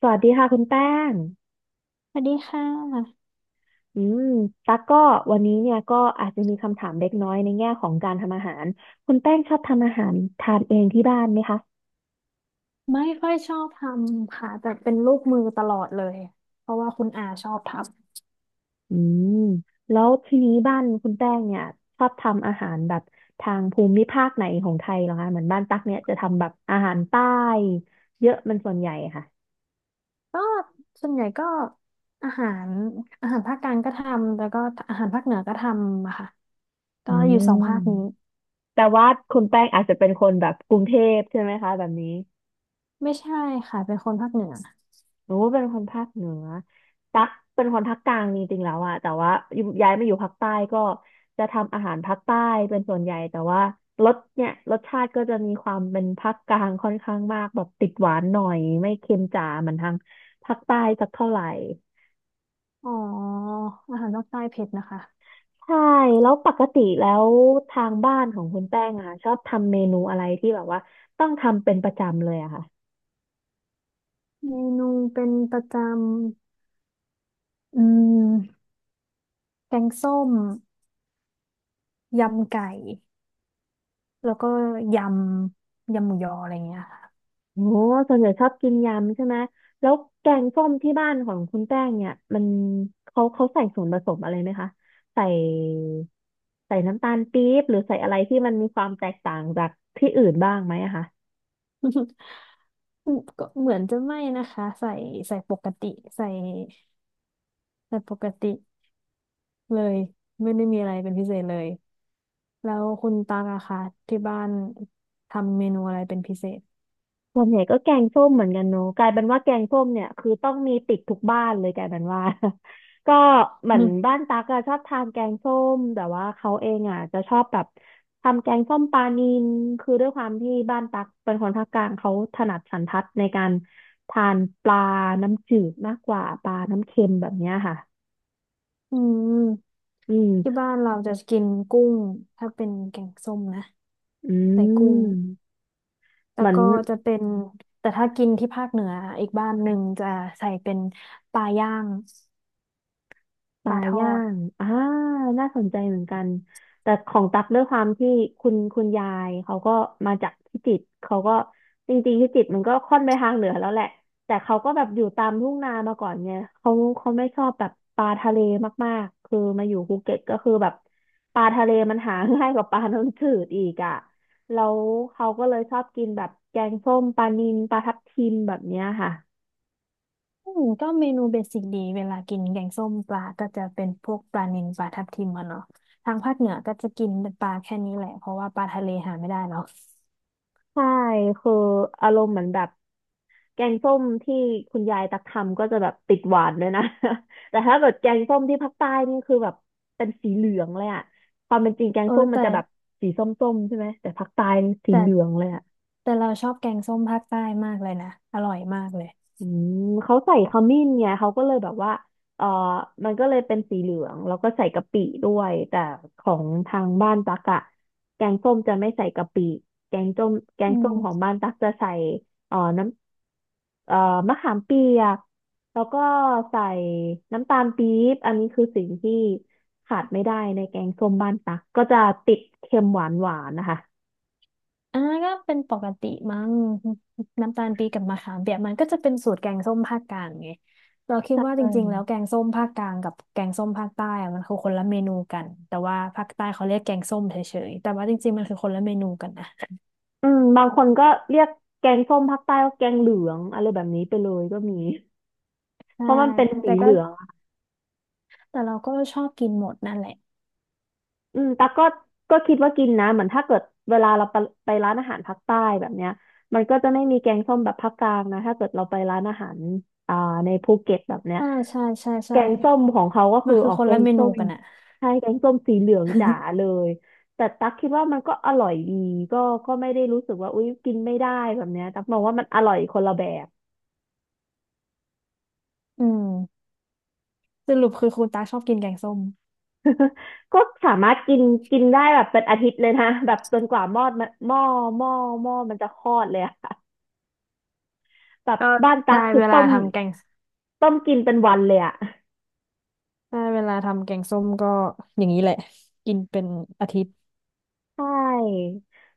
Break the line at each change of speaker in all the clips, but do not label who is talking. สวัสดีค่ะคุณแป้ง
สวัสดีค่ะ
อืมตั๊กก็วันนี้เนี่ยก็อาจจะมีคำถามเล็กน้อยในแง่ของการทำอาหาร คุณแป้งชอบทำอาหารทานเองที่บ้านไหมคะ
ไม่ค่อยชอบทำค่ะแต่เป็นลูกมือตลอดเลยเพราะว่าคุณอาชอบท
อืมแล้วทีนี้บ้านคุณแป้งเนี่ยชอบทำอาหารแบบทางภูมิภาคไหนของไทยเหรอคะเหมือนบ้านตั๊กเนี่ยจะทำแบบอาหารใต้เยอะมันส่วนใหญ่ค่ะ
ำก็ส่วนใหญ่ก็อาหารอาหารภาคกลางก็ทำแล้วก็อาหารภาคเหนือก็ทำอะค่ะก็
อื
อยู่สองภาคนี้
มแต่ว่าคุณแป้งอาจจะเป็นคนแบบกรุงเทพใช่ไหมคะแบบนี้
ไม่ใช่ค่ะเป็นคนภาคเหนือ
หนูเป็นคนภาคเหนือตักเป็นคนภาคกลางจริงๆแล้วอะแต่ว่าอยู่ย้ายมาอยู่ภาคใต้ก็จะทำอาหารภาคใต้เป็นส่วนใหญ่แต่ว่ารสเนี่ยรสชาติก็จะมีความเป็นภาคกลางค่อนข้างมากแบบติดหวานหน่อยไม่เค็มจ๋าเหมือนทางภาคใต้สักเท่าไหร่
อ๋ออาหารภาคใต้เผ็ดนะคะ
ใช่แล้วปกติแล้วทางบ้านของคุณแป้งอะค่ะชอบทำเมนูอะไรที่แบบว่าต้องทำเป็นประจำเลยอะค่ะ
เมนูเป็นประจำแกงส้มยำไก่แล้วก็ยยำหมูยออะไรเงี้ย
โอ้ส่วนใหญ่ชอบกินยำใช่ไหมแล้วแกงส้มที่บ้านของคุณแป้งเนี่ยมันเขาใส่ส่วนผสมอะไรไหมคะใส่ใส่น้ำตาลปี๊บหรือใส่อะไรที่มันมีความแตกต่างจากที่อื่นบ้างไหมอะคะ
ก็เหมือนจะไม่นะคะใส่ปกติใส่ใส่ปกติเลยไม่ได้มีอะไรเป็นพิเศษเลยแล้วคุณตาง่ะคะที่บ้านทำเมนูอะไรเป็นพิเศษ
ส่วนใหญ่ก็แกงส้มเหมือนกันเนอะกลายเป็นว่าแกงส้มเนี่ยคือต้องมีติดทุกบ้านเลยกลายเป็นว่า ก็เหมือ
อื
น
ม
บ้านตั๊กอะชอบทานแกงส้มแต่ว่าเขาเองอะจะชอบแบบทำแกงส้มปลานิลคือด้วยความที่บ้านตั๊กเป็นคนภาคกลางเขาถนัดสันทัดในการทานปลาน้ำจืดมากกว่าปลาน้ำเค็มแบบเนี้ยค่ะ
อืม
อืม
ที่บ้านเราจะกินกุ้งถ้าเป็นแกงส้มนะ
อื
ใส่กุ้ง
ม
แล้
เห
ว
มือน
ก็จะเป็นแต่ถ้ากินที่ภาคเหนืออีกบ้านหนึ่งจะใส่เป็นปลาย่าง
ป
ป
ลา
ลาทอ
ย่า
ด
งน่าสนใจเหมือนกันแต่ของตักด้วยความที่คุณยายเขาก็มาจากพิจิตรเขาก็จริงๆพิจิตรมันก็ค่อนไปทางเหนือแล้วแหละแต่เขาก็แบบอยู่ตามทุ่งนามาก่อนไงเขาเขาไม่ชอบแบบปลาทะเลมากๆคือมาอยู่ภูเก็ตก็คือแบบปลาทะเลมันหาง่ายกว่าปลาน้ำจืดอีกอ่ะแล้วเขาก็เลยชอบกินแบบแกงส้มปลานิลปลาทับทิมแบบเนี้ยค่ะ
อืมก็เมนูเบสิกดีเวลากินแกงส้มปลาก็จะเป็นพวกปลานิลปลาทับทิมอะเนาะทางภาคเหนือก็จะกินเป็นปลาแค่นี้แหละเพราะว่าปลาทะเลหาไม่ได้เนาะ
ใช่คืออารมณ์เหมือนแบบ แกงส้มที่คุณยายตักทำก็จะแบบติดหวานเลยนะ แต่ถ้าเกิดแกงส้มที่ภาคใต้นี่คือแบบเป็นสีเหลืองเลยอะความเป็นจริงแกง
เออ
ส้มมัน
แต่
จะแบบสีส้มๆใช่ไหม แต่ภาคใต้นี่สี
แต่
เหลืองเลยอะ
แต่เราชอบแกงส้มภาคใต้มากเลยนะอร่อยมากเลย
อืมเขาใส่ขมิ้นไงเขาก็เลยแบบว่าเออมันก็เลยเป็นสีเหลืองแล้วก็ใส่กะปิด้วยแต่ของทางบ้านตักอะแกงส้มจะไม่ใส่กะปิแกงส้มแกง
อื
ส้มของ
ม
บ้านตักจะใส่เออน้ำเออมะขามเปียกแล้วก็ใส่น้ำตาลปี๊บอันนี้คือสิ่งที่ขาดไม่ได้ในแกงส้มบ้านตักก็จะติดเค็มหวานหวานนะคะ
อันก็เป็นปกติมั้งน้ำตาลปี๊บกับมะขามเปียกมันก็จะเป็นสูตรแกงส้มภาคกลางไงเราคิดว่าจ
ใช่
ริงๆแล้วแกงส้มภาคกลางกับแกงส้มภาคใต้อะมันคือคนละเมนูกันแต่ว่าภาคใต้เขาเรียกแกงส้มเฉยๆแต่ว่าจริงๆมันคือคนละเมนูกันนะ
อืมบางคนก็เรียกแกงส้มภาคใต้ว่าแกงเหลืองอะไรแบบนี้ไปเลยก็มีเพ
ใช่
ราะมันเป็น
แต่
สีเห
ก็
ลืองอะ
แต่เราก็ชอบกินหมดนั่นแหละ
อืมแต่ก็ก็คิดว่ากินนะเหมือนถ้าเกิดเวลาเราไปไปร้านอาหารภาคใต้แบบเนี้ยมันก็จะไม่มีแกงส้มแบบภาคกลางนะถ้าเกิดเราไปร้านอาหารอ่าในภูเก็ตแบบเนี้ย
ใช่ใช่ใช่
แก
ใช่
งส้มของเขาก็
มั
คือ
นคื
อ
อ
อก
คน
แก
ละ
ง
เมนู
ส้ม
กันอะ
ใช่แกงส้มสีเหลืองจ๋า เลยแต่ตักคิดว่ามันก็อร่อยดีก็ก็ไม่ได้รู้สึกว่าอุ๊ยกินไม่ได้แบบเนี้ยตักมองว่ามันอร่อยคนละแบบ
อืมสรุปคือคุณตาชอบกินแกงส้ม
ก็สามารถกินกินได้แบบเป็นอาทิตย์เลยนะแบบจนกว่าหม้อมันหม้อหม้อมันจะคลอดเลยอะ แบบ
ก็
บ้านตั๊
ใช่
กคือ
เวลา
ต้ม
ทำแกง
ต้มกินเป็นวันเลยอะ
ใช่เวลาทำแกงส้มก็อย่างนี้แหละกินเป็นอาทิตย์
ใช่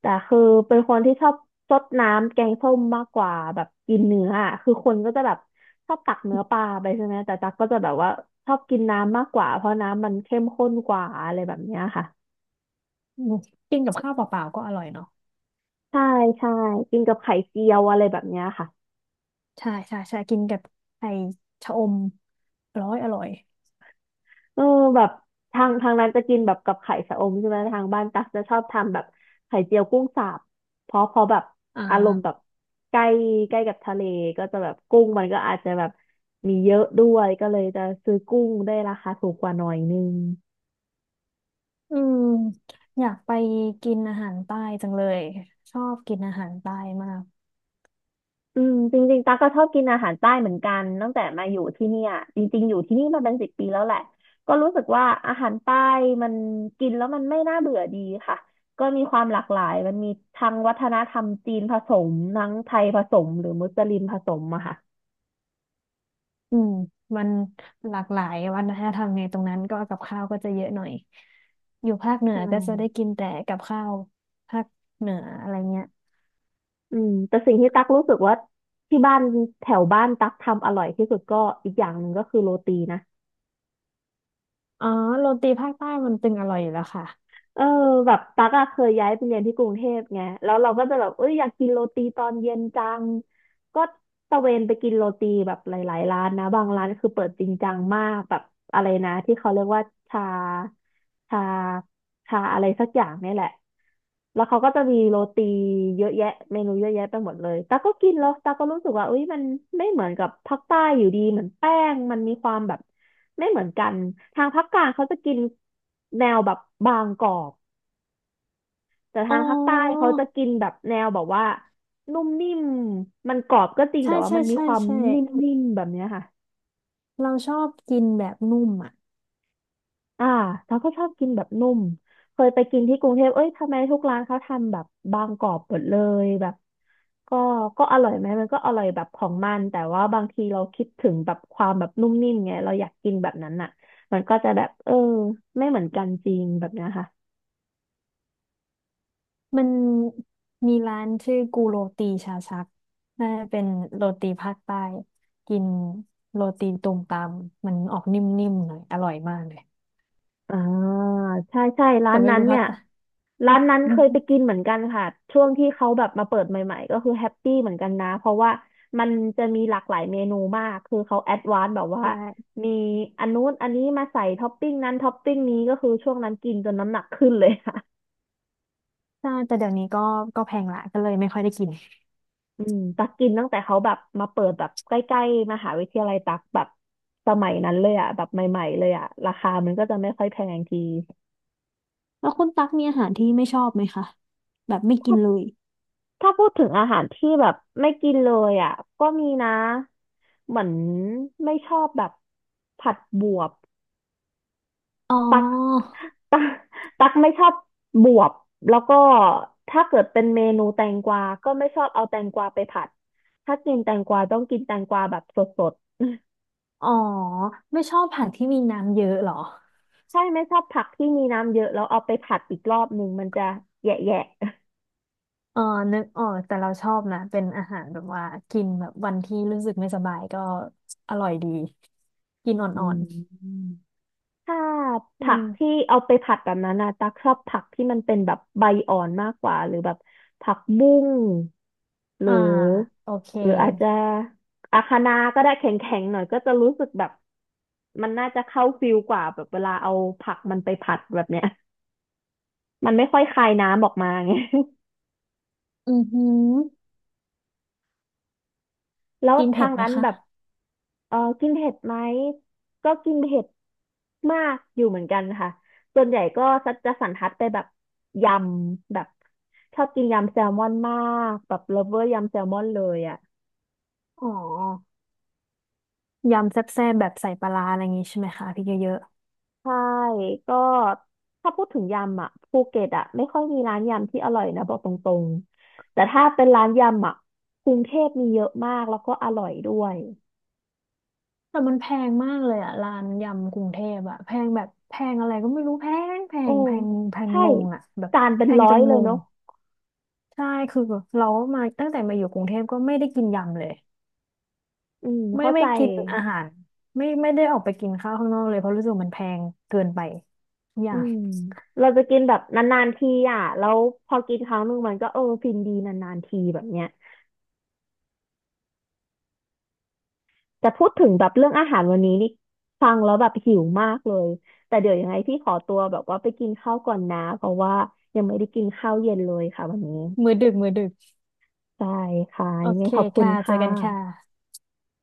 แต่คือเป็นคนที่ชอบซดน้ำแกงส้มมากกว่าแบบกินเนื้ออะคือคนก็จะแบบชอบตักเนื้อปลาไปใช่ไหมแต่ตั๊กก็จะแบบว่าชอบกินน้ำมากกว่าเพราะน้ำมันเข้มข้นกว่าอะไรแบบเนี้ยค่ะ
อืมกินกับข้าวเปล่าๆก็อร่อยเนาะ
ใช่ใช่กินกับไข่เจียวอะไรแบบเนี้ยค่ะ
ใช่ใช่ใช่กินกับไข่ชะอมอร้อยอร่อย
เออแบบทางทางนั้นจะกินแบบกับไข่ชะอมใช่ไหมทางบ้านตักจะชอบทำแบบไข่เจียวกุ้งสาบเพราะเพอแบบ
อ่
อารมณ์แบบ
า
ใกล้ใกล้กับทะเลก็จะแบบกุ้งมันก็อาจจะแบบมีเยอะด้วยก็เลยจะซื้อกุ้งได้ราคาถูกกว่าหน่อยนึง
อืมอยากไปกินอาหารใต้จังเลย ชอบกินอาหารใต้มาก
อืมจริงๆตาก็ชอบกินอาหารใต้เหมือนกันตั้งแต่มาอยู่ที่เนี่ยจริงๆอยู่ที่นี่มาเป็นสิบปีแล้วแหละก็รู้สึกว่าอาหารใต้มันกินแล้วมันไม่น่าเบื่อดีค่ะก็มีความหลากหลายมันมีทั้งวัฒนธรรมจีนผสมทั้งไทยผสมหรือมุสลิมผสมอะค่ะ
อืมมันหลากหลายวัฒนธรรมไงตรงนั้นก็กับข้าวก็จะเยอะหน่อยอยู่ภาคเหนื
อื
อก็จะได้กิ
ม
นแต่กับข้าวภาคเหนืออะไรเงี้ย
อืมแต่สิ่งที่ตักรู้สึกว่าที่บ้านแถวบ้านตักทำอร่อยที่สุดก็อีกอย่างหนึ่งก็คือโรตีนะ
อ๋อโรตีภาคใต้มันตึงอร่อยอยู่แล้วค่ะ
เออแบบตักอะเคยย้ายไปเรียนที่กรุงเทพไงแล้วเราก็จะแบบเอ้ยอยากกินโรตีตอนเย็นจังก็ตะเวนไปกินโรตีแบบหลายๆร้านนะบางร้านคือเปิดจริงจังมากแบบอะไรนะที่เขาเรียกว่าชาชาชาอะไรสักอย่างเนี่ยแหละแล้วเขาก็จะมีโรตีเยอะแยะเมนูเยอะแยะไปหมดเลยตาก็กินแล้วตาก็รู้สึกว่าเอ้ยมันไม่เหมือนกับภาคใต้อยู่ดีเหมือนแป้งมันมีความแบบ ไม่เหมือนกันทางภาคกลางเขาจะกินแนวแบบบางกรอบแต่
อ๋
ทา
อ
งภาคใต้เขาจะกินแบบแนวแบบว่านุ่มนิ่มมันกรอบก็จริง
ใช่
แต่ว่า
ใช่
มันมี
ใช่
ความ
ใช่
นิ่มนิ่มแบบเนี้ยค่ะ
เราชอบกินแบบนุ่มอ่ะ
อ่าเราก็ชอบกินแบบนุ่มเคยไปกินที่กรุงเทพเอ้ยทำไมทุกร้านเขาทำแบบบางกรอบหมดเลยแบบก็ก็อร่อยไหมมันก็อร่อยแบบของมันแต่ว่าบางทีเราคิดถึงแบบความแบบนุ่มนิ่มไงเราอยากกินแบบนั้นอ่ะมันก็จะแบบเออไม่เหมือนกันจริงแบบเนี้ยค่ะ
มันมีร้านชื่อกูโรตีชาชักน่าจะเป็นโรตีภาคใต้กินโรตีตูมตามมันออกนิ่มๆหน่อยอร่อยมากเลย
อ่าใช่ใช่ร้า
แต่
น
ไม่
นั้น
รู้
เนี่
ภาค
ย
ใต้
ร้านนั้นเคยไป กินเหมือนกันค่ะช่วงที่เขาแบบมาเปิดใหม่ๆก็คือแฮปปี้เหมือนกันนะเพราะว่ามันจะมีหลากหลายเมนูมากคือเขาแอดวานซ์แบบว่า
ใช่
มีอันนู้นอันนี้มาใส่ท็อปปิ้งนั้นท็อปปิ้งนี้ก็คือช่วงนั้นกินจนน้ำหนักขึ้นเลยค่ะ
ใช่แต่เดี๋ยวนี้ก็ก็แพงละก็เลยไม่ค่อยได้กิน
อืมตักกินตั้งแต่เขาแบบมาเปิดแบบใกล้ๆมหาวิทยาลัยตักแบบสมัยนั้นเลยอ่ะแบบใหม่ๆเลยอ่ะราคามันก็จะไม่ค่อยแพงที
แล้วคุณตั๊กมีอาหารที่ไม่ชอบไหมคะแบบไม่กินเลย
ถ้าพูดถึงอาหารที่แบบไม่กินเลยอ่ะก็มีนะเหมือนไม่ชอบแบบผัดบวบ
อ๋อ
ตักตักไม่ชอบบวบแล้วก็ถ้าเกิดเป็นเมนูแตงกวาก็ไม่ชอบเอาแตงกวาไปผัดถ้ากินแตงกวาต้องกินแตงกวาแบบสด
อ๋อไม่ชอบผักที่มีน้ำเยอะเหรอ
ๆ ใช่ไม่ชอบผักที่มีน้ำเยอะแล้วเอาไปผัดอีกรอบหนึ่งมันจะแยะ
อ๋อนึกออกแต่เราชอบนะเป็นอาหารแบบว่ากินแบบวันที่รู้สึกไม่สบายก็อร่อยดีกินอ่
ๆอื
อ
ม
น
ถ้า
ๆ
ผักที่เอาไปผัดแบบนั้นนะตักชอบผักที่มันเป็นแบบใบอ่อนมากกว่าหรือแบบผักบุ้งหรือ
อ่าโอเค
หรืออาจจะอาคะน้าก็ได้แข็งๆหน่อยก็จะรู้สึกแบบมันน่าจะเข้าฟิลกว่าแบบเวลาเอาผักมันไปผัดแบบเนี้ยมันไม่ค่อยคายน้ำออกมาไง
อือหือ
แล้ว
กิน
ทา
เผ็ด
ง
ไหม
นั้น
คะ
แบบเออกินเผ็ดไหมก็กินเผ็ดมากอยู่เหมือนกันค่ะส่วนใหญ่ก็จะสันทัดไปแบบยำแบบชอบกินยำแซลมอนมากแบบเลิฟเวอร์ยำแซลมอนเลยอ่ะ
อ๋อยำแซ่บๆแบบใส่ปลาร้าอะไรอย่างงี้ใช่ไหมคะพริกเยอะ
ใช่ก็ถ้าพูดถึงยำอ่ะภูเก็ตอ่ะไม่ค่อยมีร้านยำที่อร่อยนะบอกตรงๆแต่ถ้าเป็นร้านยำอ่ะกรุงเทพมีเยอะมากแล้วก็อร่อยด้วย
แต่มันแพงมากเลยอะร้านยำกรุงเทพอะแพงแบบแพงอะไรก็ไม่รู้แพงแพ
โอ้
งแพงแพง
ใช่
งงอะแบบ
จานเป็
แพ
น
ง
ร้อ
จ
ย
น
เล
ง
ย
ง
เนาะ
ใช่คือเรามาตั้งแต่มาอยู่กรุงเทพก็ไม่ได้กินยำเลย
อืม
ไม่
เข้า
ไม่
ใจ
กินอาหารไม่ได้ออกไปกินข้าวข้างนอกเลยเพราะรู้สึกมันแพงเกินไปทุกอ
อื
ย่าง
มเราจะกินแบบนานๆทีอ่ะแล้วพอกินครั้งหนึ่งมันก็เออฟินดีนานๆทีแบบเนี้ยแต่พูดถึงแบบเรื่องอาหารวันนี้นี่ฟังแล้วแบบหิวมากเลยแต่เดี๋ยวยังไงพี่ขอตัวแบบว่าไปกินข้าวก่อนนะเพราะว่ายังไม่ได้กินข้าวเย็นเลยค่ะวันนี้
มื้อดึกมื้อดึก
ใช่ค่ะ
โอ
ยังไง
เค
ขอบคุณ
ค่ะเจอ
ค่ะ
กันค่ะ